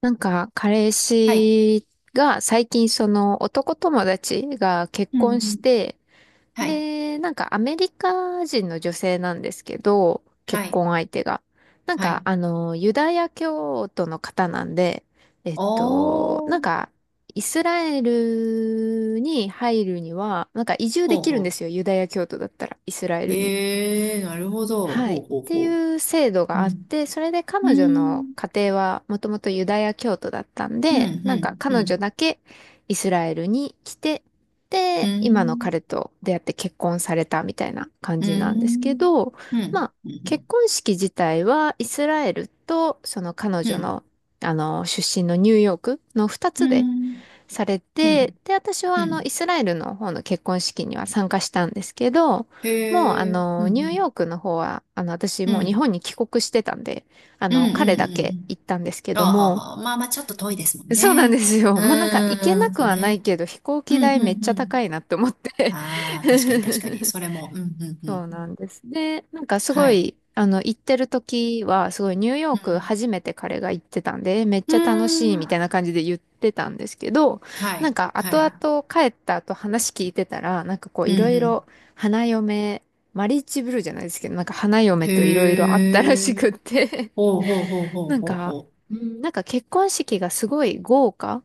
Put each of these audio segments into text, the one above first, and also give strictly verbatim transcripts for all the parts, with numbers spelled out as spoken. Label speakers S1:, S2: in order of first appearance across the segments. S1: なんか、彼
S2: はい。
S1: 氏が最近その男友達が結
S2: うんう
S1: 婚し
S2: ん。
S1: て、
S2: はい。
S1: で、なんかアメリカ人の女性なんですけど、結
S2: はい。
S1: 婚相手が。なん
S2: は
S1: か、
S2: い。
S1: あの、ユダヤ教徒の方なんで、えっ
S2: お
S1: と、なん
S2: ー。
S1: か、イスラエルに入るには、なんか移住で
S2: ほう
S1: きるんで
S2: ほ
S1: すよ、ユダヤ教徒だったら、イスラエ
S2: う。
S1: ルに。
S2: へえ、なるほど。
S1: はい、
S2: ほ
S1: っ
S2: うほう
S1: て
S2: ほ
S1: いう制度
S2: う。
S1: があ
S2: う
S1: っ
S2: ん。
S1: て、それで
S2: う
S1: 彼女の
S2: ん。
S1: 家庭はもともとユダヤ教徒だったん
S2: う
S1: で、なんか
S2: ん。う
S1: 彼女だ
S2: ん。
S1: けイスラエルに来て、
S2: う
S1: で、今の
S2: ん。
S1: 彼と出会って結婚されたみたいな感
S2: う
S1: じなんですけ
S2: ん。
S1: ど、
S2: うん。う
S1: ま
S2: ん。
S1: あ、
S2: う
S1: 結
S2: ん。
S1: 婚式自体はイスラエルとその彼
S2: う
S1: 女
S2: ん。
S1: の、あの、出身のニューヨークの2
S2: う
S1: つで
S2: ん。
S1: され
S2: う
S1: て、
S2: ん。
S1: で、私は
S2: う
S1: あの、イ
S2: ん
S1: スラエルの方の結婚式には参加したんですけど、もうあ
S2: へえ。う
S1: の、ニューヨー
S2: ん。
S1: クの方は、あの、私
S2: うん。
S1: もう
S2: う
S1: 日
S2: ん。
S1: 本に帰国してたんで、あ
S2: う
S1: の、彼だけ
S2: ん。
S1: 行ったんですけ
S2: うん。あ
S1: ど
S2: は
S1: も、
S2: は。まあまあ、ちょっと遠いですもん
S1: そうなんで
S2: ね。
S1: すよ。
S2: う
S1: もうなんか行け
S2: ー
S1: な
S2: ん。
S1: く
S2: そう
S1: はない
S2: ね。
S1: けど、飛行
S2: う
S1: 機
S2: ん。う
S1: 代めっ
S2: ん。う
S1: ちゃ高
S2: ん。
S1: いなって思って。
S2: ああ、確かに確かに。それも。うん。うん。
S1: そう
S2: うん。
S1: なんです。で、なんかすご
S2: はい。
S1: い、あの、行ってる時は、すごいニューヨ
S2: う
S1: ーク
S2: ん。
S1: 初めて彼が行ってたんで、めっ
S2: う
S1: ちゃ楽しい
S2: ーん。
S1: みたいな
S2: は
S1: 感じで言ってたんですけど、
S2: い。は
S1: なんか後
S2: い。
S1: 々帰った後話聞いてたら、なんかこう
S2: う
S1: いろ
S2: ん
S1: い
S2: う
S1: ろ
S2: ん。
S1: 花嫁、マリッジブルーじゃないですけど、なんか花嫁といろいろ
S2: へ
S1: あったらし
S2: え。
S1: くって、
S2: ほうほうほう ほう
S1: なん
S2: ほう
S1: か、
S2: ほう。
S1: うんなんか結婚式がすごい豪華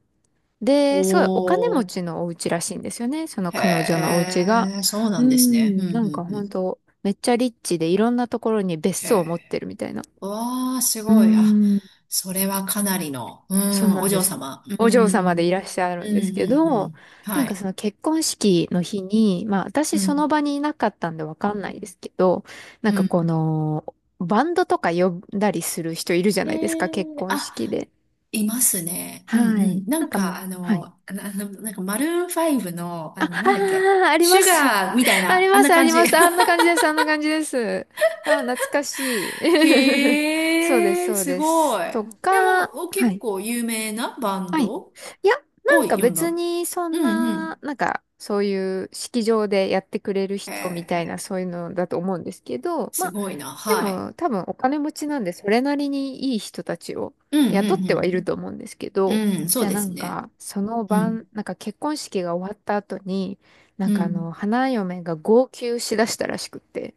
S1: で、すごいお金持
S2: おー。
S1: ちのお家らしいんですよね。その彼女のお
S2: へ
S1: 家が。
S2: え。そうな
S1: う
S2: んですね。うん
S1: ん、
S2: う
S1: なんか
S2: んう
S1: 本
S2: ん。
S1: 当めっちゃリッチでいろんなところに別
S2: へ
S1: 荘を持って
S2: え。
S1: るみたいな。
S2: わあ、す
S1: うー
S2: ごい。あ、
S1: ん、
S2: それはかなりの、う
S1: そう
S2: ん、
S1: な
S2: お
S1: んで
S2: 嬢
S1: す。
S2: 様。う
S1: お嬢様でい
S2: ん。
S1: らっしゃ
S2: うん
S1: る
S2: う
S1: んですけ
S2: んう
S1: ど、
S2: ん
S1: なん
S2: は
S1: か
S2: い
S1: その結婚式の日に、まあ私
S2: う
S1: その
S2: ん
S1: 場にいなかったんでわかんないですけど、なん
S2: う
S1: かこ
S2: ん
S1: の、バンドとか呼んだりする人いるじゃ
S2: へ
S1: ないですか、結
S2: え
S1: 婚
S2: あ
S1: 式で。
S2: いますね。うん
S1: は
S2: う
S1: い。
S2: ん。な
S1: なん
S2: ん
S1: かも
S2: か、
S1: う、
S2: あ
S1: は
S2: の、
S1: い。
S2: あのなんか、マルーンファイブの、
S1: あ、
S2: あ
S1: あ
S2: の、なんだっけ、
S1: ー、ありま
S2: シュ
S1: す。
S2: ガーみたい
S1: あり
S2: な、あん
S1: ま
S2: な
S1: す、あ
S2: 感
S1: り
S2: じ。
S1: ます。あんな 感じです、あんな感じです。あー、懐かしい。そうです、
S2: へえ、
S1: そう
S2: す
S1: で
S2: ご
S1: す。
S2: い。で
S1: とか、
S2: も、お
S1: は
S2: 結
S1: い。
S2: 構有名なバン
S1: はい。
S2: ド
S1: いや、な
S2: を
S1: んか
S2: 読んだ。
S1: 別にそ
S2: う
S1: ん
S2: んう
S1: な、
S2: ん。
S1: なんかそういう式場でやってくれる
S2: へ
S1: 人みたいな
S2: え、
S1: そういうのだと思うんですけど、ま
S2: す
S1: あ
S2: ごいな。
S1: で
S2: はい。
S1: も多分お金持ちなんでそれなりにいい人たちを
S2: うんう
S1: 雇ってはいる
S2: ん
S1: と思うんですけ
S2: う
S1: ど、
S2: んうん。うん、そ
S1: じゃ
S2: う
S1: あ
S2: で
S1: な
S2: す
S1: ん
S2: ね。
S1: かその
S2: うん。
S1: 晩、なんか結婚式が終わった後に、なん
S2: う
S1: かあ
S2: ん。
S1: の花嫁が号泣しだしたらしくって。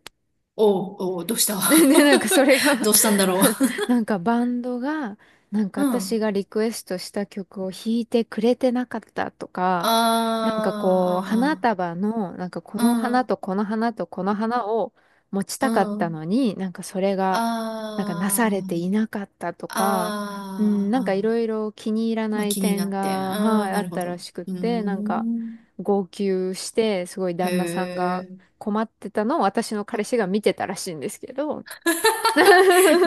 S2: おう、おう、どうした
S1: で、で、なんかそれ が、
S2: どうしたんだろ
S1: なんかバンドが、なんか
S2: う。う
S1: 私
S2: ん。
S1: がリクエストした曲を弾いてくれてなかったと
S2: あ
S1: か、なんかこう、花
S2: ーあ
S1: 束の、なんかこ
S2: ー、
S1: の
S2: あ
S1: 花と
S2: ー
S1: この花とこの花を持ち
S2: う
S1: たかっ
S2: ん、う
S1: た
S2: ん。
S1: のに、なんかそれが、なんかなされて
S2: あ
S1: いなかったとか、うん、
S2: あ、
S1: な
S2: あ
S1: んかい
S2: ーあー、
S1: ろいろ気に入ら
S2: ま
S1: な
S2: あ
S1: い
S2: 気にな
S1: 点
S2: って。
S1: が、
S2: あ
S1: は
S2: あ、
S1: い、あ
S2: な
S1: っ
S2: るほ
S1: た
S2: ど。
S1: らしくっ
S2: うー
S1: て、なんか、
S2: ん。
S1: 号泣して、すごい
S2: へ
S1: 旦那さんが、
S2: え。
S1: 困ってたのを私の彼氏が 見てたらしいんですけど。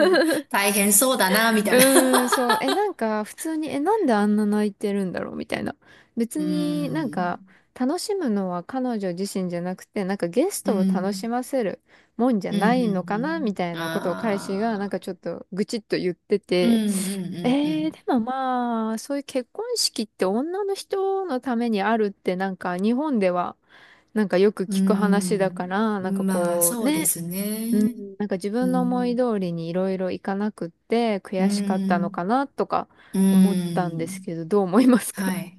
S2: うん 大変そうだな、みた
S1: う
S2: いな。
S1: ーん、そう。え、なんか普通に、え、なんであんな泣いてるんだろうみたいな。別
S2: うー
S1: になん
S2: ん。
S1: か楽しむのは彼女自身じゃなくて、なんかゲス
S2: う
S1: トを楽し
S2: ん。
S1: ませるもんじゃ
S2: うん、う
S1: な
S2: ん、
S1: いのかなみたい
S2: うん。
S1: なことを彼氏がなん
S2: あ
S1: か
S2: あ。
S1: ちょっと愚痴っと言って
S2: うん、う
S1: て。
S2: ん、う
S1: えー、
S2: ん、
S1: でもまあ、そういう結婚式って女の人のためにあるってなんか日本ではなんかよく
S2: う
S1: 聞く話だか
S2: ん。
S1: ら、
S2: うー
S1: なんか
S2: ん。まあ、
S1: こう
S2: そうで
S1: ね、
S2: す
S1: う
S2: ね。
S1: ん、なんか自
S2: う
S1: 分の思い
S2: ん。
S1: 通りにいろいろいかなくって
S2: う
S1: 悔しかったの
S2: ん。
S1: かなとか
S2: う
S1: 思ったんです
S2: ん。
S1: けど、どう思いますか？
S2: はい。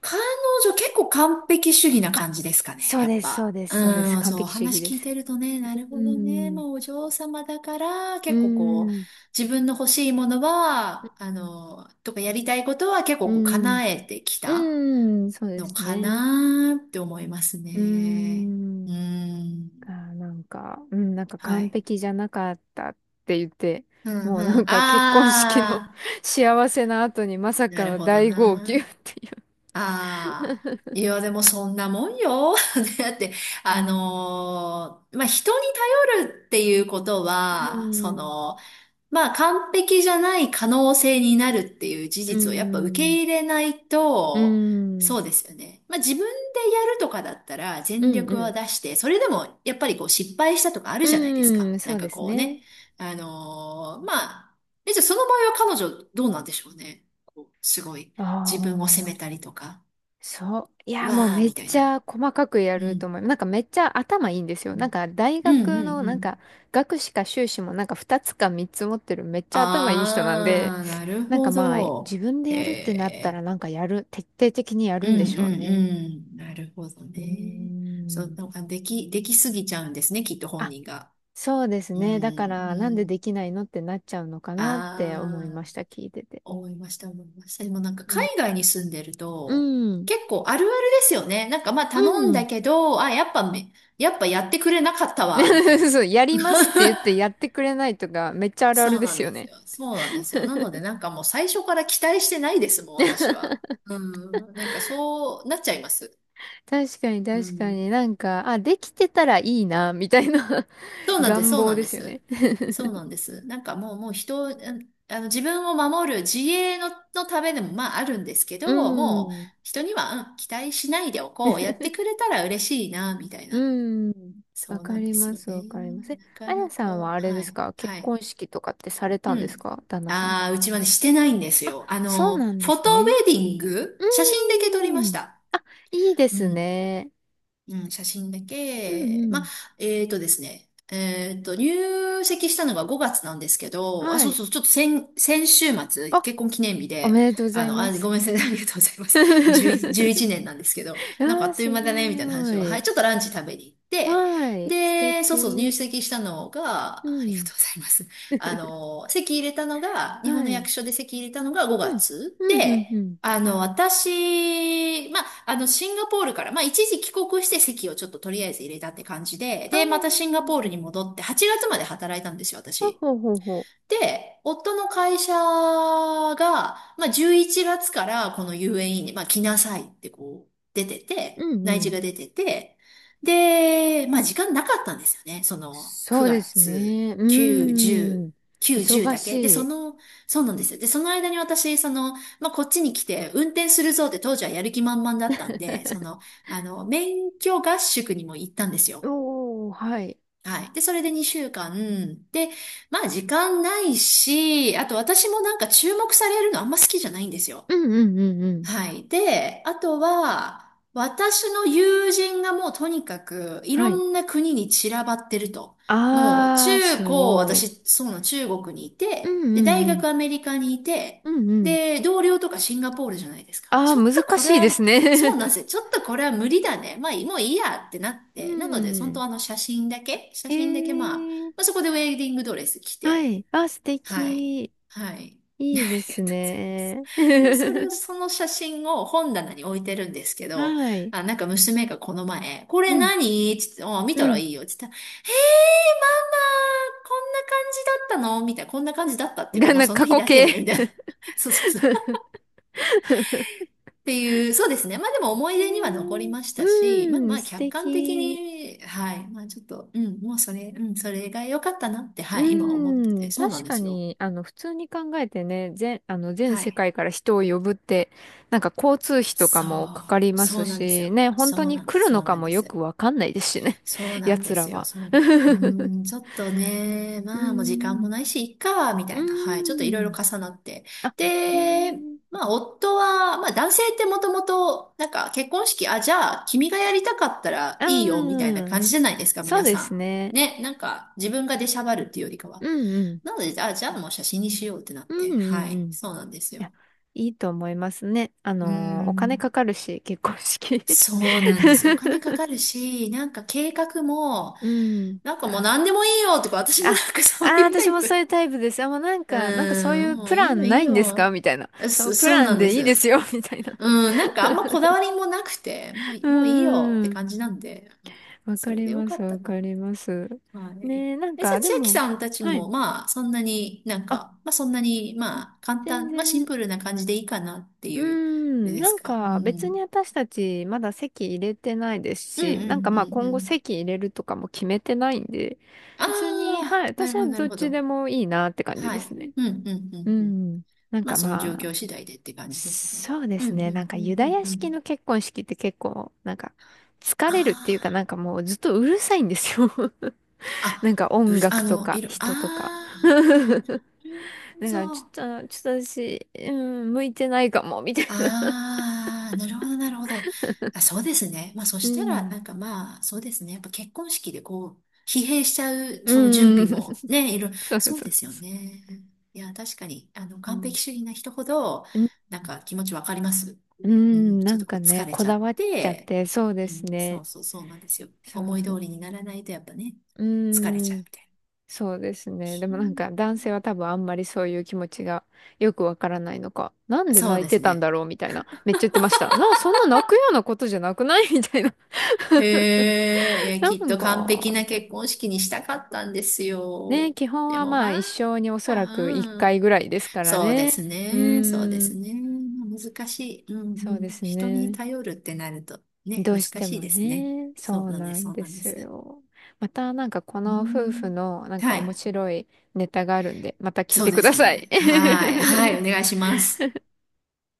S2: 彼女結構完璧主義な
S1: あ、
S2: 感じですかね、
S1: そう
S2: やっ
S1: です、そ
S2: ぱ。
S1: うです、そうです。
S2: うん、
S1: 完
S2: そう、
S1: 璧主義
S2: 話
S1: で
S2: 聞い
S1: す。
S2: てるとね、なる
S1: う
S2: ほどね、
S1: ん、
S2: まあお嬢様だから、
S1: う
S2: 結構こう、
S1: ん、
S2: 自分の欲しいものは、あの、とかやりたいことは結
S1: う
S2: 構こう、
S1: ん、
S2: 叶えてきた
S1: うん、そうで
S2: の
S1: す
S2: か
S1: ね。
S2: なって思います
S1: う
S2: ね。う
S1: ん、
S2: ん、
S1: がなんか、うん、なんか
S2: は
S1: 完
S2: い。
S1: 璧じゃなかったって言って、
S2: うん、
S1: も
S2: う
S1: うなん
S2: ん、あ
S1: か結婚式の
S2: あ、
S1: 幸せな後にまさ
S2: な
S1: か
S2: る
S1: の
S2: ほど
S1: 大号泣っ
S2: な。
S1: ていう。
S2: ああ、いや、でもそんなもんよ。だって、
S1: う
S2: あ
S1: ん、
S2: のーまあ、人に頼るっていうこと
S1: う
S2: は、そ
S1: ん
S2: の、まあ、完璧じゃない可能性になるっていう事
S1: う
S2: 実をやっぱ受け
S1: ん。
S2: 入れない
S1: う
S2: と、
S1: ん。
S2: そうですよね。まあ、自分でやるとかだったら
S1: う
S2: 全
S1: ん。う
S2: 力は
S1: ん。
S2: 出して、それでもやっぱりこう失敗したとかあるじゃないです
S1: う
S2: か。
S1: ん。そ
S2: なん
S1: うで
S2: か
S1: す
S2: こう
S1: ね。
S2: ね。あのーまあ、え、じゃあその場合は彼女どうなんでしょうね。こうすごい。
S1: あ
S2: 自分を責めた
S1: あ。
S2: りとか。
S1: そう。いや、もう
S2: わー、
S1: め
S2: み
S1: っ
S2: たい
S1: ち
S2: な。
S1: ゃ細かくや
S2: う
S1: ると
S2: ん。
S1: 思います。なんかめっちゃ頭いいんです
S2: う
S1: よ。なん
S2: ん、
S1: か大
S2: うん、うん
S1: 学の
S2: う
S1: なん
S2: ん。
S1: か学士か修士もなんかふたつかみっつ持ってるめっちゃ頭いい人なんで、
S2: あー、なる
S1: なんか
S2: ほ
S1: まあ自
S2: ど。
S1: 分で
S2: へ
S1: やるってなった
S2: え。
S1: らなんかやる、徹底的にや
S2: う
S1: るんで
S2: ん、
S1: しょう
S2: うん、
S1: ね。
S2: うん。なるほど
S1: うー
S2: ね。そう、
S1: ん。
S2: なんかでき、できすぎちゃうんですね、きっと本
S1: あ、
S2: 人が。
S1: そうです
S2: うん、
S1: ね。だから
S2: う
S1: なんでで
S2: ん。
S1: きないのってなっちゃうのかなって思い
S2: あ
S1: ま
S2: ー、
S1: した。聞いてて。
S2: 思いました、思いました。でもなんか海外に住んでる
S1: う
S2: と、
S1: ん。
S2: 結構あるあるですよね。なんかまあ
S1: う
S2: 頼んだ
S1: ん。
S2: けど、あ、やっぱめ、やっぱやってくれなかったわ、みたい な。
S1: そう、やり ますって言ってやってくれないとか、めっちゃあるあ
S2: そ
S1: る
S2: う
S1: で
S2: なん
S1: す
S2: で
S1: よ
S2: す
S1: ね。
S2: よ。そうなんですよ。なので、なんかもう最初から期待してないですもん、私は。うん。なんかそうなっちゃいます。
S1: 確かに
S2: う
S1: 確か
S2: ん。
S1: になんか、あ、できてたらいいな、みたいな
S2: そ うなんです、
S1: 願
S2: そう
S1: 望
S2: なん
S1: で
S2: で
S1: すよね。
S2: す。そうなんです。なんかもう、もう人を、うんあの、自分を守る自衛の、のためでもまああるんですけ
S1: う
S2: ど、もう
S1: ん。
S2: 人には、うん期待しないでおこう。やってくれたら嬉しいな、みたい
S1: う
S2: な。
S1: ん。
S2: そ
S1: わ
S2: うな
S1: か
S2: ん
S1: り
S2: です
S1: ま
S2: よ
S1: す、
S2: ね。
S1: わかります。え、
S2: なか
S1: あや
S2: な
S1: さんは
S2: か、
S1: あれで
S2: は
S1: す
S2: い、
S1: か、結
S2: はい。
S1: 婚式とかってされた
S2: う
S1: んです
S2: ん。
S1: か、旦那さんと。
S2: ああ、うちはね、してないんですよ。あ
S1: そう
S2: の、
S1: なんで
S2: フォ
S1: す
S2: トウ
S1: ね。
S2: ェディン
S1: う
S2: グ、写真だけ撮りまし
S1: ん。
S2: た。
S1: いいで
S2: う
S1: す
S2: ん。
S1: ね。
S2: うん、写真だ
S1: うんう
S2: け。まあ、
S1: ん。
S2: えっとですね。えっと、入籍したのがごがつなんですけど、あ、
S1: は
S2: そう
S1: い。
S2: そう、ちょっと先、先週末、
S1: あ、
S2: 結婚記念日
S1: お
S2: で、
S1: めでとうござ
S2: あ
S1: い
S2: の、あ、
S1: ま
S2: ご
S1: す。
S2: めんなさい、ありがとうございます。じゅういち、いちねんなんですけど、なんか
S1: あ
S2: あ
S1: あ、
S2: っという
S1: す
S2: 間だね、みたいな
S1: ご
S2: 話を、はい、
S1: い。
S2: ちょっとランチ食べに行って、
S1: はい。素
S2: で、そうそう、入
S1: 敵。
S2: 籍したのが、
S1: う
S2: ありが
S1: ん。
S2: とうございます。あ の、籍入れたのが、日本
S1: は
S2: の
S1: い。
S2: 役所で籍入れたのが5
S1: うん。
S2: 月
S1: うん、うん、
S2: で、
S1: うん。
S2: あの、私、まあ、あの、シンガポールから、まあ、一時帰国して席をちょっととりあえず入れたって感じで、
S1: あ
S2: で、またシンガ
S1: あ、
S2: ポールに戻って、はちがつまで働いたんですよ、
S1: ほう
S2: 私。
S1: ほうほうほ
S2: で、夫の会社が、まあ、じゅういちがつからこの遊園 e に、まあ、来なさいってこう、出て
S1: う。
S2: て、
S1: うん、
S2: 内
S1: う
S2: 示
S1: ん。
S2: が出てて、で、まあ、時間なかったんですよね。その、
S1: そうで
S2: 9
S1: す
S2: 月、
S1: ね。う
S2: 9、
S1: ー
S2: 10、
S1: ん。
S2: 9、10
S1: 忙
S2: だ
S1: し
S2: け。で、そ
S1: い。
S2: の、そうなんですよ。で、その間に私、その、まあ、こっちに来て、運転するぞって当時はやる気満々だったんで、その、あの、免許合宿にも行ったんですよ。
S1: おー、はい。
S2: はい。で、それでにしゅうかん。で、まあ時間ないし、あと私もなんか注目されるのあんま好きじゃないんですよ。
S1: うん、うん、うん、うん。
S2: はい。で、あとは、私の友人がもうとにかくい
S1: は
S2: ろ
S1: い。
S2: んな国に散らばってると。もう
S1: あー
S2: 中
S1: す
S2: 高、
S1: ごい。
S2: 私、そうなの中国にい
S1: う
S2: て、で、
S1: ん、
S2: 大
S1: う
S2: 学
S1: ん、
S2: アメリカにいて、
S1: うん。うん、うん。
S2: で、同僚とかシンガポールじゃないですか。
S1: あー
S2: ちょっと
S1: 難
S2: こ
S1: し
S2: れ
S1: いで
S2: は、
S1: す
S2: そうなんで
S1: ね。
S2: すよ。ちょっとこれは無理だね。まあ、もういいやってなっ
S1: う
S2: て。なので、本当
S1: ん。
S2: あの写真だけ、写
S1: え
S2: 真だけまあ、
S1: ー。
S2: まあそこでウェディングドレス着
S1: は
S2: て、
S1: い。あー、素
S2: はい。
S1: 敵。
S2: はい。あ
S1: いいで
S2: りが
S1: す
S2: とうございま
S1: ね。
S2: す。それを、その写真を本棚に置いてるんですけど、
S1: はい。
S2: あ、なんか娘がこの前、これ
S1: うん。
S2: 何つって、あ、見た
S1: う
S2: ら
S1: ん。
S2: いいよ。つって言ったら、えー、ママ、こんな感じだったのみたいな、こんな感じだったっ ていうか、
S1: が
S2: まあ
S1: な、
S2: その
S1: 過
S2: 日
S1: 去
S2: だけね、
S1: 形。
S2: みたいな。そうそうそう。っていう、そうですね。まあでも思い
S1: え
S2: 出には残り
S1: ー、
S2: まし
S1: う
S2: たし、まあ
S1: ー
S2: ま
S1: ん、
S2: あ
S1: 素
S2: 客観的
S1: 敵。
S2: に、はい。まあちょっと、うん、もうそれ、うん、それが良かったなって、
S1: う
S2: はい、今思って
S1: ー
S2: て、
S1: ん、
S2: そうなん
S1: 確
S2: で
S1: か
S2: すよ。
S1: に、あの、普通に考えてね、全、あの、全
S2: は
S1: 世
S2: い。
S1: 界から人を呼ぶって、なんか交通費とか
S2: そ
S1: もかかり
S2: う、
S1: ま
S2: そ
S1: す
S2: うなんですよ。
S1: し、ね、本当
S2: そう
S1: に
S2: なんで
S1: 来
S2: す、
S1: る
S2: そ
S1: の
S2: う
S1: か
S2: なん
S1: も
S2: で
S1: よ
S2: す。
S1: くわかんないですしね、
S2: そう なん
S1: 奴
S2: で
S1: ら
S2: すよ。
S1: は。
S2: そう。う
S1: う
S2: ーん、ちょっとね、
S1: ー
S2: まあもう時間も
S1: ん、
S2: ないし、いっか、みた
S1: う
S2: いな。はい。ちょっとい
S1: ー
S2: ろいろ
S1: ん。
S2: 重なって。
S1: あ、え
S2: で、
S1: ー、
S2: まあ夫は、まあ男性ってもともと、なんか結婚式、あ、じゃあ君がやりたかったら
S1: う
S2: いいよ、みたいな
S1: ーん、
S2: 感じじゃないですか、
S1: そう
S2: 皆
S1: です
S2: さん。
S1: ね。
S2: ね、なんか自分が出しゃばるっていうよりかは。
S1: うんうん。
S2: なので、あ、じゃあもう写真にしようってなっ
S1: うんう
S2: て。は
S1: んう
S2: い。
S1: ん。
S2: そうなんです
S1: いや、
S2: よ。
S1: いいと思いますね。あ
S2: うー
S1: のーお金か
S2: ん。
S1: かるし、結婚式。
S2: そうなんです。お金か かるし、なんか計画も、
S1: うん。
S2: なんかもう
S1: あ、
S2: 何でもいいよとか、私も
S1: あ、
S2: なんかそう
S1: あ、
S2: いうタ
S1: 私
S2: イ
S1: もそういう
S2: プ。
S1: タイプです。あ、もうなん
S2: う
S1: か、なんかそうい
S2: ーん、
S1: う
S2: も
S1: プ
S2: うい
S1: ラ
S2: いよ
S1: ン
S2: い
S1: な
S2: い
S1: いんですか
S2: よ。
S1: みたいな。その
S2: そ、
S1: プ
S2: そう
S1: ラ
S2: な
S1: ン
S2: んで
S1: でいいです
S2: す。
S1: よ、みたいな。
S2: うん、なんかあんまこだわりもなくて、もうい、
S1: う
S2: もういいよって
S1: ーん。
S2: 感じなんで、うん、
S1: わ
S2: そ
S1: か
S2: れ
S1: り
S2: でよ
S1: ま
S2: か
S1: す、
S2: った
S1: わ
S2: な。
S1: かります。
S2: はい。
S1: ねえ、なん
S2: え、じゃあ
S1: か、で
S2: 千秋
S1: も、
S2: さんたち
S1: はい。
S2: も、まあ、そんなになん
S1: あ、
S2: か、まあそんなに、まあ簡
S1: 全
S2: 単、まあシン
S1: 然。
S2: プルな感じでいいかなって
S1: うー
S2: いう、あれ
S1: ん、
S2: で
S1: な
S2: す
S1: ん
S2: か。う
S1: か別
S2: ん。
S1: に私たちまだ籍入れてないです
S2: うんう
S1: し、なんか
S2: んう
S1: まあ
S2: んう
S1: 今後
S2: ん。
S1: 籍入れるとかも決めてないんで、
S2: あ
S1: 別に、はい、
S2: あ、な
S1: 私
S2: るほ
S1: は
S2: ど、な
S1: ど
S2: る
S1: っ
S2: ほ
S1: ち
S2: ど。
S1: でもいいなって感じ
S2: は
S1: で
S2: い。
S1: すね。
S2: うん、うん、う
S1: う
S2: ん、うん。
S1: ん、なん
S2: まあ、
S1: か
S2: その状
S1: まあ、
S2: 況次第でって感じですね。
S1: そうで
S2: うん、う
S1: す
S2: ん、
S1: ね、なんか
S2: うん、
S1: ユ
S2: う
S1: ダ
S2: ん、
S1: ヤ
S2: う
S1: 式の
S2: ん。
S1: 結婚式って結構、なんか疲れるっていうか、
S2: あ
S1: なんかもうずっとうるさいんですよ。 なん
S2: あ、
S1: か
S2: あ、う、
S1: 音
S2: あ
S1: 楽と
S2: の、
S1: か
S2: いる、あ
S1: 人とか。
S2: あ、なるほ
S1: だからち
S2: ど。
S1: ょっと、ちょっと私、うん、向いてないかも、みたいな。
S2: ああ、なるほど、なるほど。あ、そうですね。まあ、そ
S1: う
S2: したら、
S1: ん。
S2: なんかまあ、そうですね。やっぱ結婚式でこう、疲弊しちゃう、その準
S1: う
S2: 備
S1: ん。そう
S2: も、ね、いろ、
S1: そう。
S2: そうですよね。いや、確かに、あの、
S1: う
S2: 完
S1: ん。
S2: 璧主義な人ほど、
S1: うん、
S2: なんか気持ちわかります。
S1: う
S2: う
S1: ん
S2: ん、
S1: な
S2: ちょっ
S1: ん
S2: と
S1: か
S2: こう、疲
S1: ね、
S2: れ
S1: こ
S2: ちゃ
S1: だ
S2: っ
S1: わっちゃっ
S2: て、
S1: て、そうで
S2: う
S1: す
S2: ん、そ
S1: ね。
S2: うそう、そうなんですよ。
S1: そう
S2: 思い
S1: そ
S2: 通
S1: う。
S2: りにならないと、やっぱね、
S1: う
S2: 疲れちゃう
S1: ん、
S2: みたいな。
S1: そうですね。で
S2: ひ
S1: もなんか
S2: ー
S1: 男性は多分あんまりそういう気持ちがよくわからないのか、なんで
S2: そう
S1: 泣い
S2: で
S1: て
S2: す
S1: たんだ
S2: ね。
S1: ろうみたいな。めっちゃ言ってました。な、そんな泣くようなことじゃなくないみたいな。
S2: へえ、い や、
S1: な
S2: きっ
S1: ん
S2: と完
S1: か、
S2: 璧
S1: み
S2: な
S1: たい
S2: 結婚式にしたかったんです
S1: な。ね、
S2: よ。
S1: 基本
S2: で
S1: は
S2: も
S1: まあ
S2: まあ、
S1: 一生におそらく一
S2: う
S1: 回
S2: ん。
S1: ぐらいですから
S2: そうで
S1: ね。
S2: す
S1: う
S2: ね、そうで
S1: ー
S2: す
S1: ん、
S2: ね。まあ難しい。うんう
S1: そうで
S2: ん。
S1: す
S2: 人に
S1: ね。
S2: 頼るってなるとね、
S1: ど
S2: 難
S1: うして
S2: し
S1: も
S2: いですね。
S1: ね、
S2: そ
S1: そ
S2: う
S1: う
S2: なんで
S1: な
S2: す、そ
S1: ん
S2: う
S1: で
S2: なんで
S1: す
S2: す。
S1: よ。またなんかこ
S2: う
S1: の夫婦
S2: ん。
S1: のなんか
S2: は
S1: 面
S2: い。
S1: 白いネタがあるんで、また聞い
S2: そう
S1: て
S2: で
S1: くだ
S2: す
S1: さい。
S2: ね。はい。はい、お 願いします。